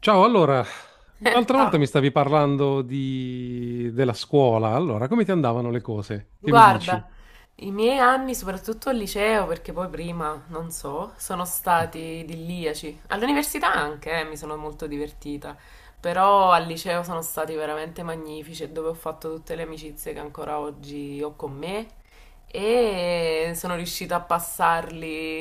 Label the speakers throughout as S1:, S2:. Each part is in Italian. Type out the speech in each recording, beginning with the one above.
S1: Ciao, allora, l'altra volta mi
S2: Ciao.
S1: stavi parlando di della scuola. Allora come ti andavano le cose? Che mi dici?
S2: Guarda, i miei anni, soprattutto al liceo, perché poi prima, non so, sono stati idilliaci. All'università anche, mi sono molto divertita, però al liceo sono stati veramente magnifici, e dove ho fatto tutte le amicizie che ancora oggi ho con me e sono riuscita a passarli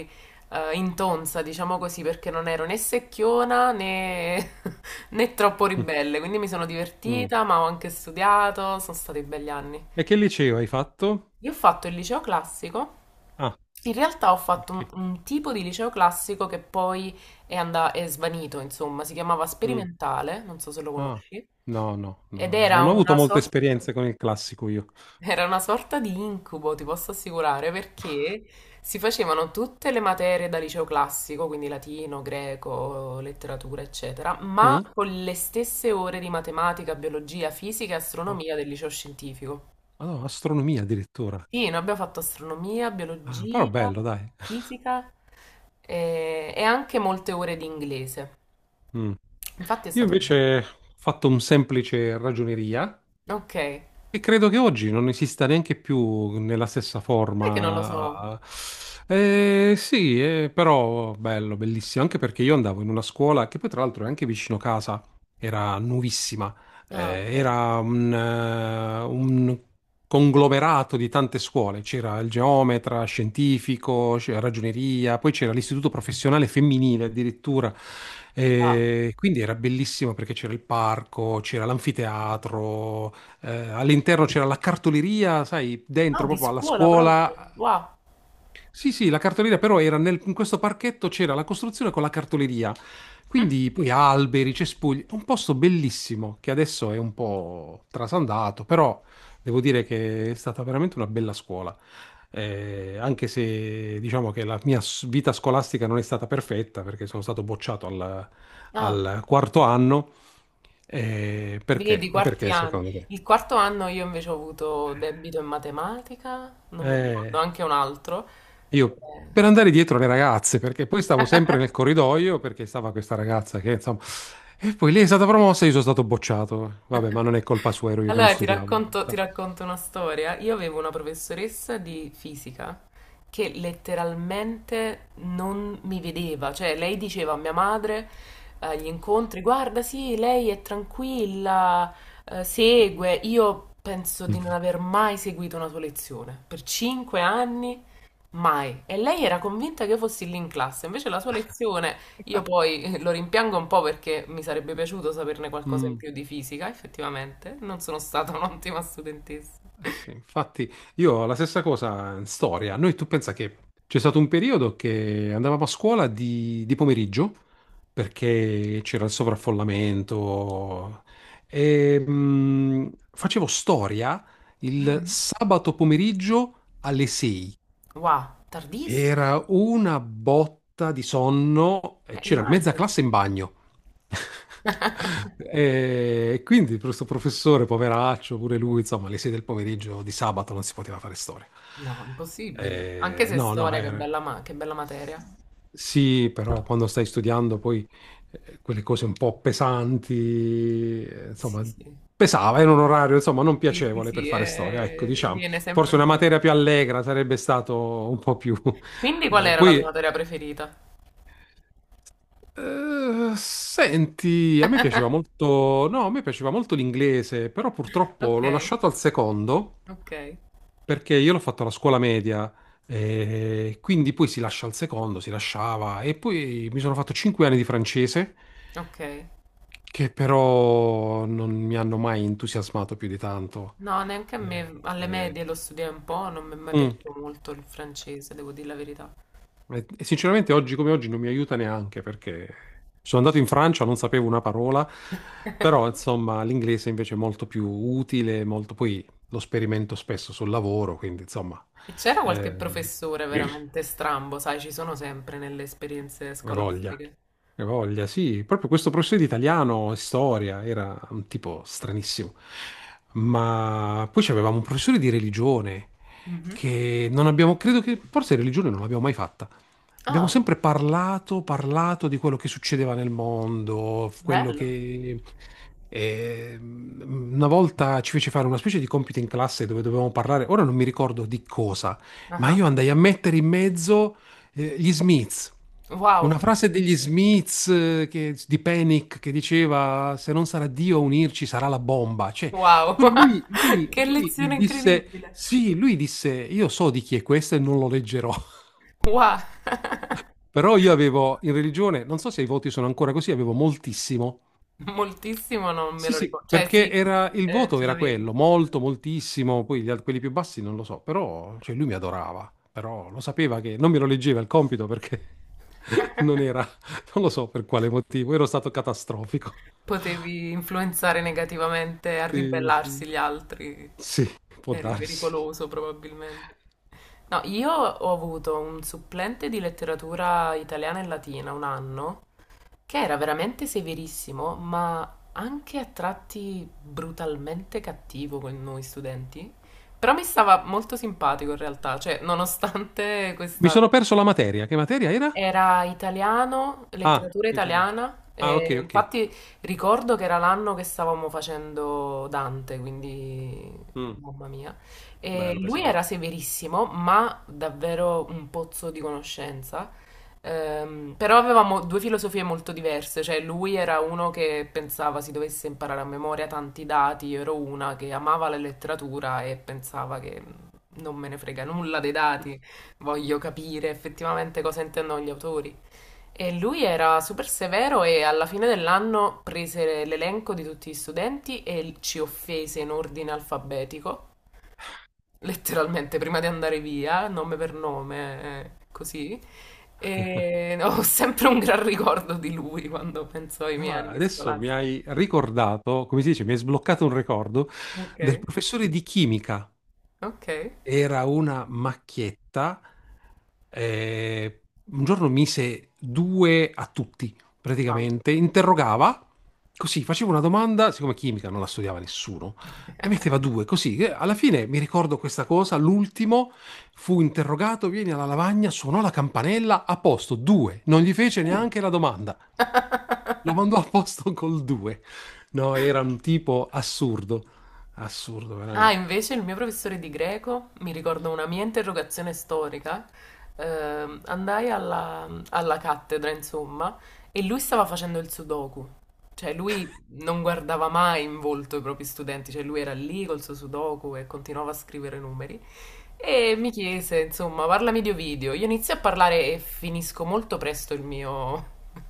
S2: in tonza, diciamo così, perché non ero né secchiona né, né troppo ribelle, quindi mi sono
S1: Mm.
S2: divertita, ma ho anche studiato, sono stati belli anni.
S1: E che liceo hai fatto?
S2: Io ho fatto il liceo classico.
S1: Ah,
S2: In realtà ho fatto un,
S1: ok.
S2: un tipo di liceo classico che poi è, è svanito, insomma, si chiamava
S1: Mm.
S2: sperimentale, non so se lo
S1: Ah,
S2: conosci,
S1: no, no, no,
S2: ed
S1: non ho avuto molte esperienze con il classico io.
S2: era una sorta di incubo, ti posso assicurare, perché si facevano tutte le materie da liceo classico, quindi latino, greco, letteratura, eccetera, ma
S1: Mm?
S2: con le stesse ore di matematica, biologia, fisica e
S1: Ah,
S2: astronomia del liceo scientifico.
S1: ah, no, astronomia addirittura.
S2: Sì, noi abbiamo fatto astronomia,
S1: Ah, però
S2: biologia,
S1: bello, dai.
S2: fisica e anche molte ore di inglese.
S1: Mm.
S2: Infatti è
S1: Io
S2: stato bello.
S1: invece ho fatto un semplice ragioneria.
S2: Ok, è
S1: E credo che oggi non esista neanche più nella stessa
S2: che non lo so.
S1: forma. Sì, però bello, bellissimo, anche perché io andavo in una scuola che poi tra l'altro è anche vicino casa, era nuovissima.
S2: Ah, ok.
S1: Era un conglomerato di tante scuole, c'era il geometra, scientifico, c'era ragioneria, poi c'era l'istituto professionale femminile addirittura.
S2: Wow.
S1: Quindi era bellissimo perché c'era il parco, c'era l'anfiteatro, all'interno c'era la cartoleria, sai,
S2: Ah,
S1: dentro
S2: di
S1: proprio alla
S2: scuola proprio.
S1: scuola.
S2: Wow.
S1: Sì, sì, la cartoleria però era in questo parchetto c'era la costruzione con la cartoleria,
S2: Hm?
S1: quindi poi alberi, cespugli, un posto bellissimo che adesso è un po' trasandato, però devo dire che è stata veramente una bella scuola. Anche se diciamo che la vita scolastica non è stata perfetta perché sono stato bocciato
S2: Ah,
S1: al quarto anno. Perché?
S2: vedi,
S1: Ma
S2: quarti
S1: perché
S2: anni.
S1: secondo te?
S2: Il quarto anno io invece ho avuto debito in matematica, non mi ricordo,
S1: Eh,
S2: anche un altro.
S1: io,
S2: Eh.
S1: per andare dietro alle ragazze, perché poi stavo sempre nel corridoio, perché stava questa ragazza che insomma. E poi lei è stata promossa e io sono stato bocciato. Vabbè, ma non è colpa sua, ero io che non
S2: Allora, ti
S1: studiavo, in
S2: racconto, ti
S1: realtà.
S2: racconto una storia. Io avevo una professoressa di fisica che letteralmente non mi vedeva, cioè lei diceva a mia madre agli incontri, guarda, sì, lei è tranquilla, segue. Io penso di non aver mai seguito una sua lezione. Per 5 anni. Mai. E lei era convinta che io fossi lì in classe, invece la sua lezione, io poi lo rimpiango un po' perché mi sarebbe piaciuto saperne qualcosa in
S1: Mm.
S2: più di fisica, effettivamente. Non sono stata un'ottima studentessa.
S1: Sì, infatti io ho la stessa cosa in storia. Noi, tu pensa che c'è stato un periodo che andavamo a scuola di pomeriggio perché c'era il sovraffollamento e facevo storia il
S2: Mhm.
S1: sabato pomeriggio alle 6.
S2: Wow, tardissimo.
S1: Era una botta di sonno, e c'era mezza
S2: Immagino.
S1: classe in bagno. E quindi questo professore, poveraccio, pure lui, insomma, le sei del pomeriggio di sabato non si poteva fare storia.
S2: No, impossibile. Anche se
S1: No, no,
S2: storia, che
S1: era.
S2: bella, che bella materia.
S1: Sì, però quando stai studiando poi quelle cose un po' pesanti,
S2: Sì,
S1: insomma,
S2: sì.
S1: pesava, era un orario, insomma, non
S2: Sì, sì,
S1: piacevole per
S2: sì,
S1: fare storia, ecco, diciamo.
S2: viene sempre
S1: Forse
S2: un
S1: una
S2: po'
S1: materia
S2: di...
S1: più allegra sarebbe stato un po' più
S2: Quindi qual era la tua
S1: poi,
S2: materia preferita?
S1: senti, a me piaceva molto, no, a me piaceva molto l'inglese, però purtroppo
S2: Ok,
S1: l'ho lasciato al secondo,
S2: ok,
S1: perché io l'ho fatto alla scuola media. Quindi poi si lascia al secondo, si lasciava, e poi mi sono fatto 5 anni di francese,
S2: ok.
S1: che però non mi hanno mai entusiasmato più di tanto.
S2: No, neanche a
S1: Eh,
S2: me, alle
S1: eh,
S2: medie lo studiai un po', non mi è mai
S1: mm.
S2: piaciuto molto il francese, devo dire la verità.
S1: E sinceramente oggi come oggi non mi aiuta neanche perché sono andato in Francia, non sapevo una parola, però insomma l'inglese invece è molto più utile, molto, poi lo sperimento spesso sul lavoro, quindi insomma
S2: E c'era qualche
S1: eh,
S2: professore veramente strambo, sai, ci sono sempre nelle esperienze
S1: che voglia,
S2: scolastiche.
S1: che voglia, sì, proprio questo professore di italiano e storia era un tipo stranissimo. Ma poi avevamo un professore di religione
S2: Mhm.
S1: che non abbiamo, credo che forse religione non l'abbiamo mai fatta. Abbiamo
S2: Ah,
S1: sempre parlato, parlato di quello che succedeva nel mondo, quello
S2: bello.
S1: che una volta ci fece fare una specie di compito in classe dove dovevamo parlare, ora non mi ricordo di cosa,
S2: Ah,
S1: ma
S2: ah.
S1: io andai a mettere in mezzo gli Smiths.
S2: Wow,
S1: Una frase degli Smiths, di Panic, che diceva: "Se non sarà Dio a unirci, sarà la bomba". Cioè,
S2: wow, che
S1: lui
S2: lezione
S1: disse
S2: incredibile.
S1: sì, lui disse: "Io so di chi è questo e non lo leggerò".
S2: Wow.
S1: Però io avevo in religione, non so se i voti sono ancora così, avevo moltissimo.
S2: Moltissimo non me
S1: Sì,
S2: lo
S1: sì,
S2: ricordo. Cioè, sì,
S1: perché era, il voto
S2: ce
S1: era
S2: l'avevi.
S1: quello, molto, moltissimo, poi quelli più bassi non lo so, però cioè, lui mi adorava, però lo sapeva che non me lo leggeva il compito perché non era, non lo so per quale motivo, ero stato catastrofico.
S2: Potevi influenzare negativamente a
S1: Sì,
S2: ribellarsi
S1: sì.
S2: gli altri.
S1: Sì, può
S2: Eri
S1: darsi.
S2: pericoloso probabilmente. No, io ho avuto un supplente di letteratura italiana e latina un anno che era veramente severissimo, ma anche a tratti brutalmente cattivo con noi studenti. Però mi stava molto simpatico in realtà, cioè nonostante
S1: Mi
S2: questa
S1: sono perso la materia, che materia era?
S2: era italiano,
S1: Ah,
S2: letteratura
S1: italiano.
S2: italiana,
S1: Ah, ok,
S2: e
S1: ok.
S2: infatti ricordo che era l'anno che stavamo facendo Dante, quindi
S1: Mm,
S2: mamma mia. E
S1: bello,
S2: lui era
S1: pesante.
S2: severissimo, ma davvero un pozzo di conoscenza. Però avevamo due filosofie molto diverse, cioè lui era uno che pensava si dovesse imparare a memoria tanti dati, io ero una che amava la letteratura e pensava che non me ne frega nulla dei dati. Voglio capire effettivamente cosa intendono gli autori. E lui era super severo e alla fine dell'anno prese l'elenco di tutti gli studenti e ci offese in ordine alfabetico, letteralmente prima di andare via, nome per nome, così. E ho sempre un gran ricordo di lui quando penso ai miei
S1: Ah,
S2: anni
S1: adesso mi
S2: scolastici.
S1: hai ricordato, come si dice, mi hai sbloccato un ricordo
S2: Ok,
S1: del professore di chimica.
S2: ok,
S1: Era una macchietta. eh, un giorno mise due a tutti,
S2: wow.
S1: praticamente. Interrogava, così faceva una domanda, siccome chimica non la studiava nessuno, e metteva due, così. Alla fine mi ricordo questa cosa, l'ultimo fu interrogato, vieni alla lavagna, suonò la campanella, a posto, due. Non gli fece
S2: Uh.
S1: neanche la domanda. Lo mandò a posto col due. No, era un tipo assurdo, assurdo
S2: Ah,
S1: veramente.
S2: invece il mio professore di greco, mi ricordo una mia interrogazione storica, andai alla cattedra, insomma, e lui stava facendo il sudoku. Cioè, lui non guardava mai in volto i propri studenti, cioè lui era lì col suo sudoku e continuava a scrivere numeri. E mi chiese, insomma, parlami di Ovidio. Io inizio a parlare e finisco molto presto il mio,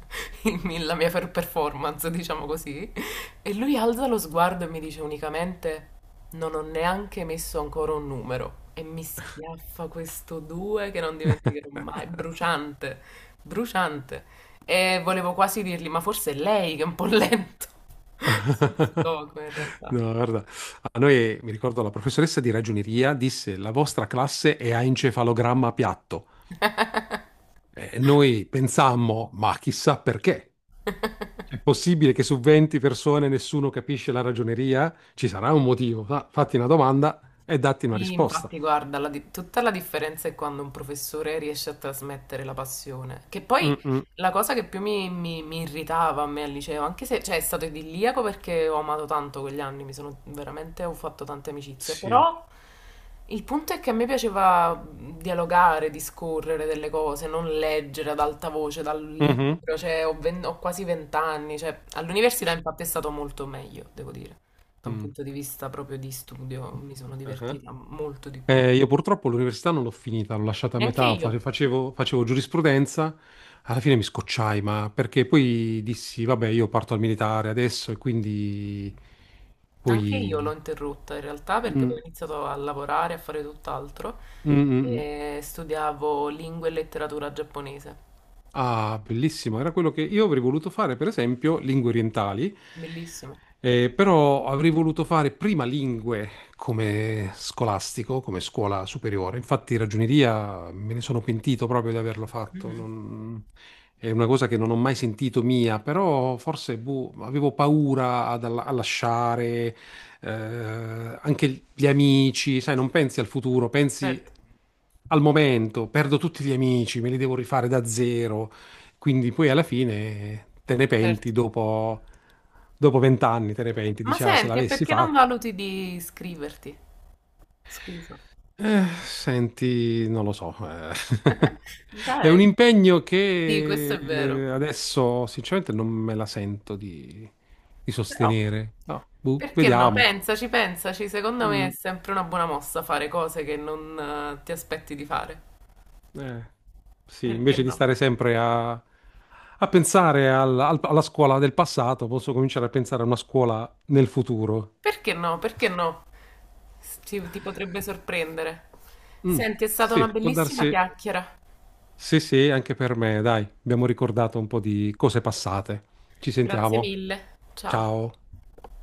S2: la mia performance, diciamo così. E lui alza lo sguardo e mi dice unicamente: Non ho neanche messo ancora un numero. E mi schiaffa questo 2 che non dimenticherò mai, bruciante, bruciante. E volevo quasi dirgli: Ma forse è lei che è un po' lento. Sul sudoku, in realtà.
S1: No, guarda, a noi, mi ricordo, la professoressa di ragioneria disse: "La vostra classe è a encefalogramma piatto". E noi pensammo, ma chissà perché. È possibile che su 20 persone nessuno capisce la ragioneria? Ci sarà un motivo. Fatti una domanda e datti una
S2: Sì,
S1: risposta.
S2: infatti, guarda, tutta la differenza è quando un professore riesce a trasmettere la passione. Che poi
S1: Mm, mm.
S2: la cosa che più mi irritava a me al liceo, anche se cioè, è stato idilliaco perché ho amato tanto quegli anni, mi sono veramente, ho fatto tante amicizie,
S1: Sì.
S2: però il punto è che a me piaceva dialogare, discorrere delle cose, non leggere ad alta voce dal
S1: Mhm.
S2: libro, cioè, ho quasi vent'anni, cioè, all'università infatti è stato molto meglio, devo dire da un punto di vista proprio di studio mi sono
S1: Mm.
S2: divertita molto di più.
S1: Io purtroppo l'università non l'ho finita, l'ho lasciata a
S2: E
S1: metà, facevo giurisprudenza, alla fine mi scocciai, ma perché poi dissi, vabbè, io parto al militare adesso, e quindi
S2: anche io l'ho
S1: poi.
S2: interrotta in realtà perché poi
S1: Mm,
S2: ho iniziato a lavorare, a fare tutt'altro
S1: mm, mm, mm.
S2: e studiavo lingua e letteratura giapponese.
S1: Ah, bellissimo, era quello che io avrei voluto fare, per esempio, lingue orientali,
S2: Bellissimo.
S1: però avrei voluto fare prima lingue come scolastico, come scuola superiore. Infatti, ragioneria me ne sono pentito proprio di averlo fatto.
S2: Mhm.
S1: È una cosa che non ho mai sentito mia, però forse boh, avevo paura a lasciare, anche gli amici, sai, non pensi al futuro, pensi
S2: Certo,
S1: al momento, perdo tutti gli amici, me li devo rifare da zero, quindi poi alla fine te ne penti
S2: certo.
S1: dopo vent'anni, te ne penti,
S2: Ma
S1: dici: "Ah, se
S2: senti, e
S1: l'avessi
S2: perché non
S1: fatto".
S2: valuti di iscriverti? Scusa.
S1: Senti, non lo so. È un
S2: Dai,
S1: impegno
S2: sì, questo
S1: che,
S2: è vero.
S1: adesso sinceramente non me la sento di
S2: Però
S1: sostenere. No, boh,
S2: perché no?
S1: vediamo.
S2: Pensaci, pensaci, secondo me è
S1: Mm.
S2: sempre una buona mossa fare cose che non ti aspetti di fare.
S1: Eh, sì,
S2: Perché
S1: invece di
S2: no?
S1: stare sempre a pensare alla scuola del passato, posso cominciare a pensare a una scuola nel futuro.
S2: Perché no? Perché no? Ti potrebbe sorprendere.
S1: Mm,
S2: Senti, è stata una
S1: sì, può
S2: bellissima
S1: darsi.
S2: chiacchiera.
S1: Sì, sì, anche per me, dai, abbiamo ricordato un po' di cose passate. Ci
S2: Grazie
S1: sentiamo.
S2: mille. Ciao.
S1: Ciao.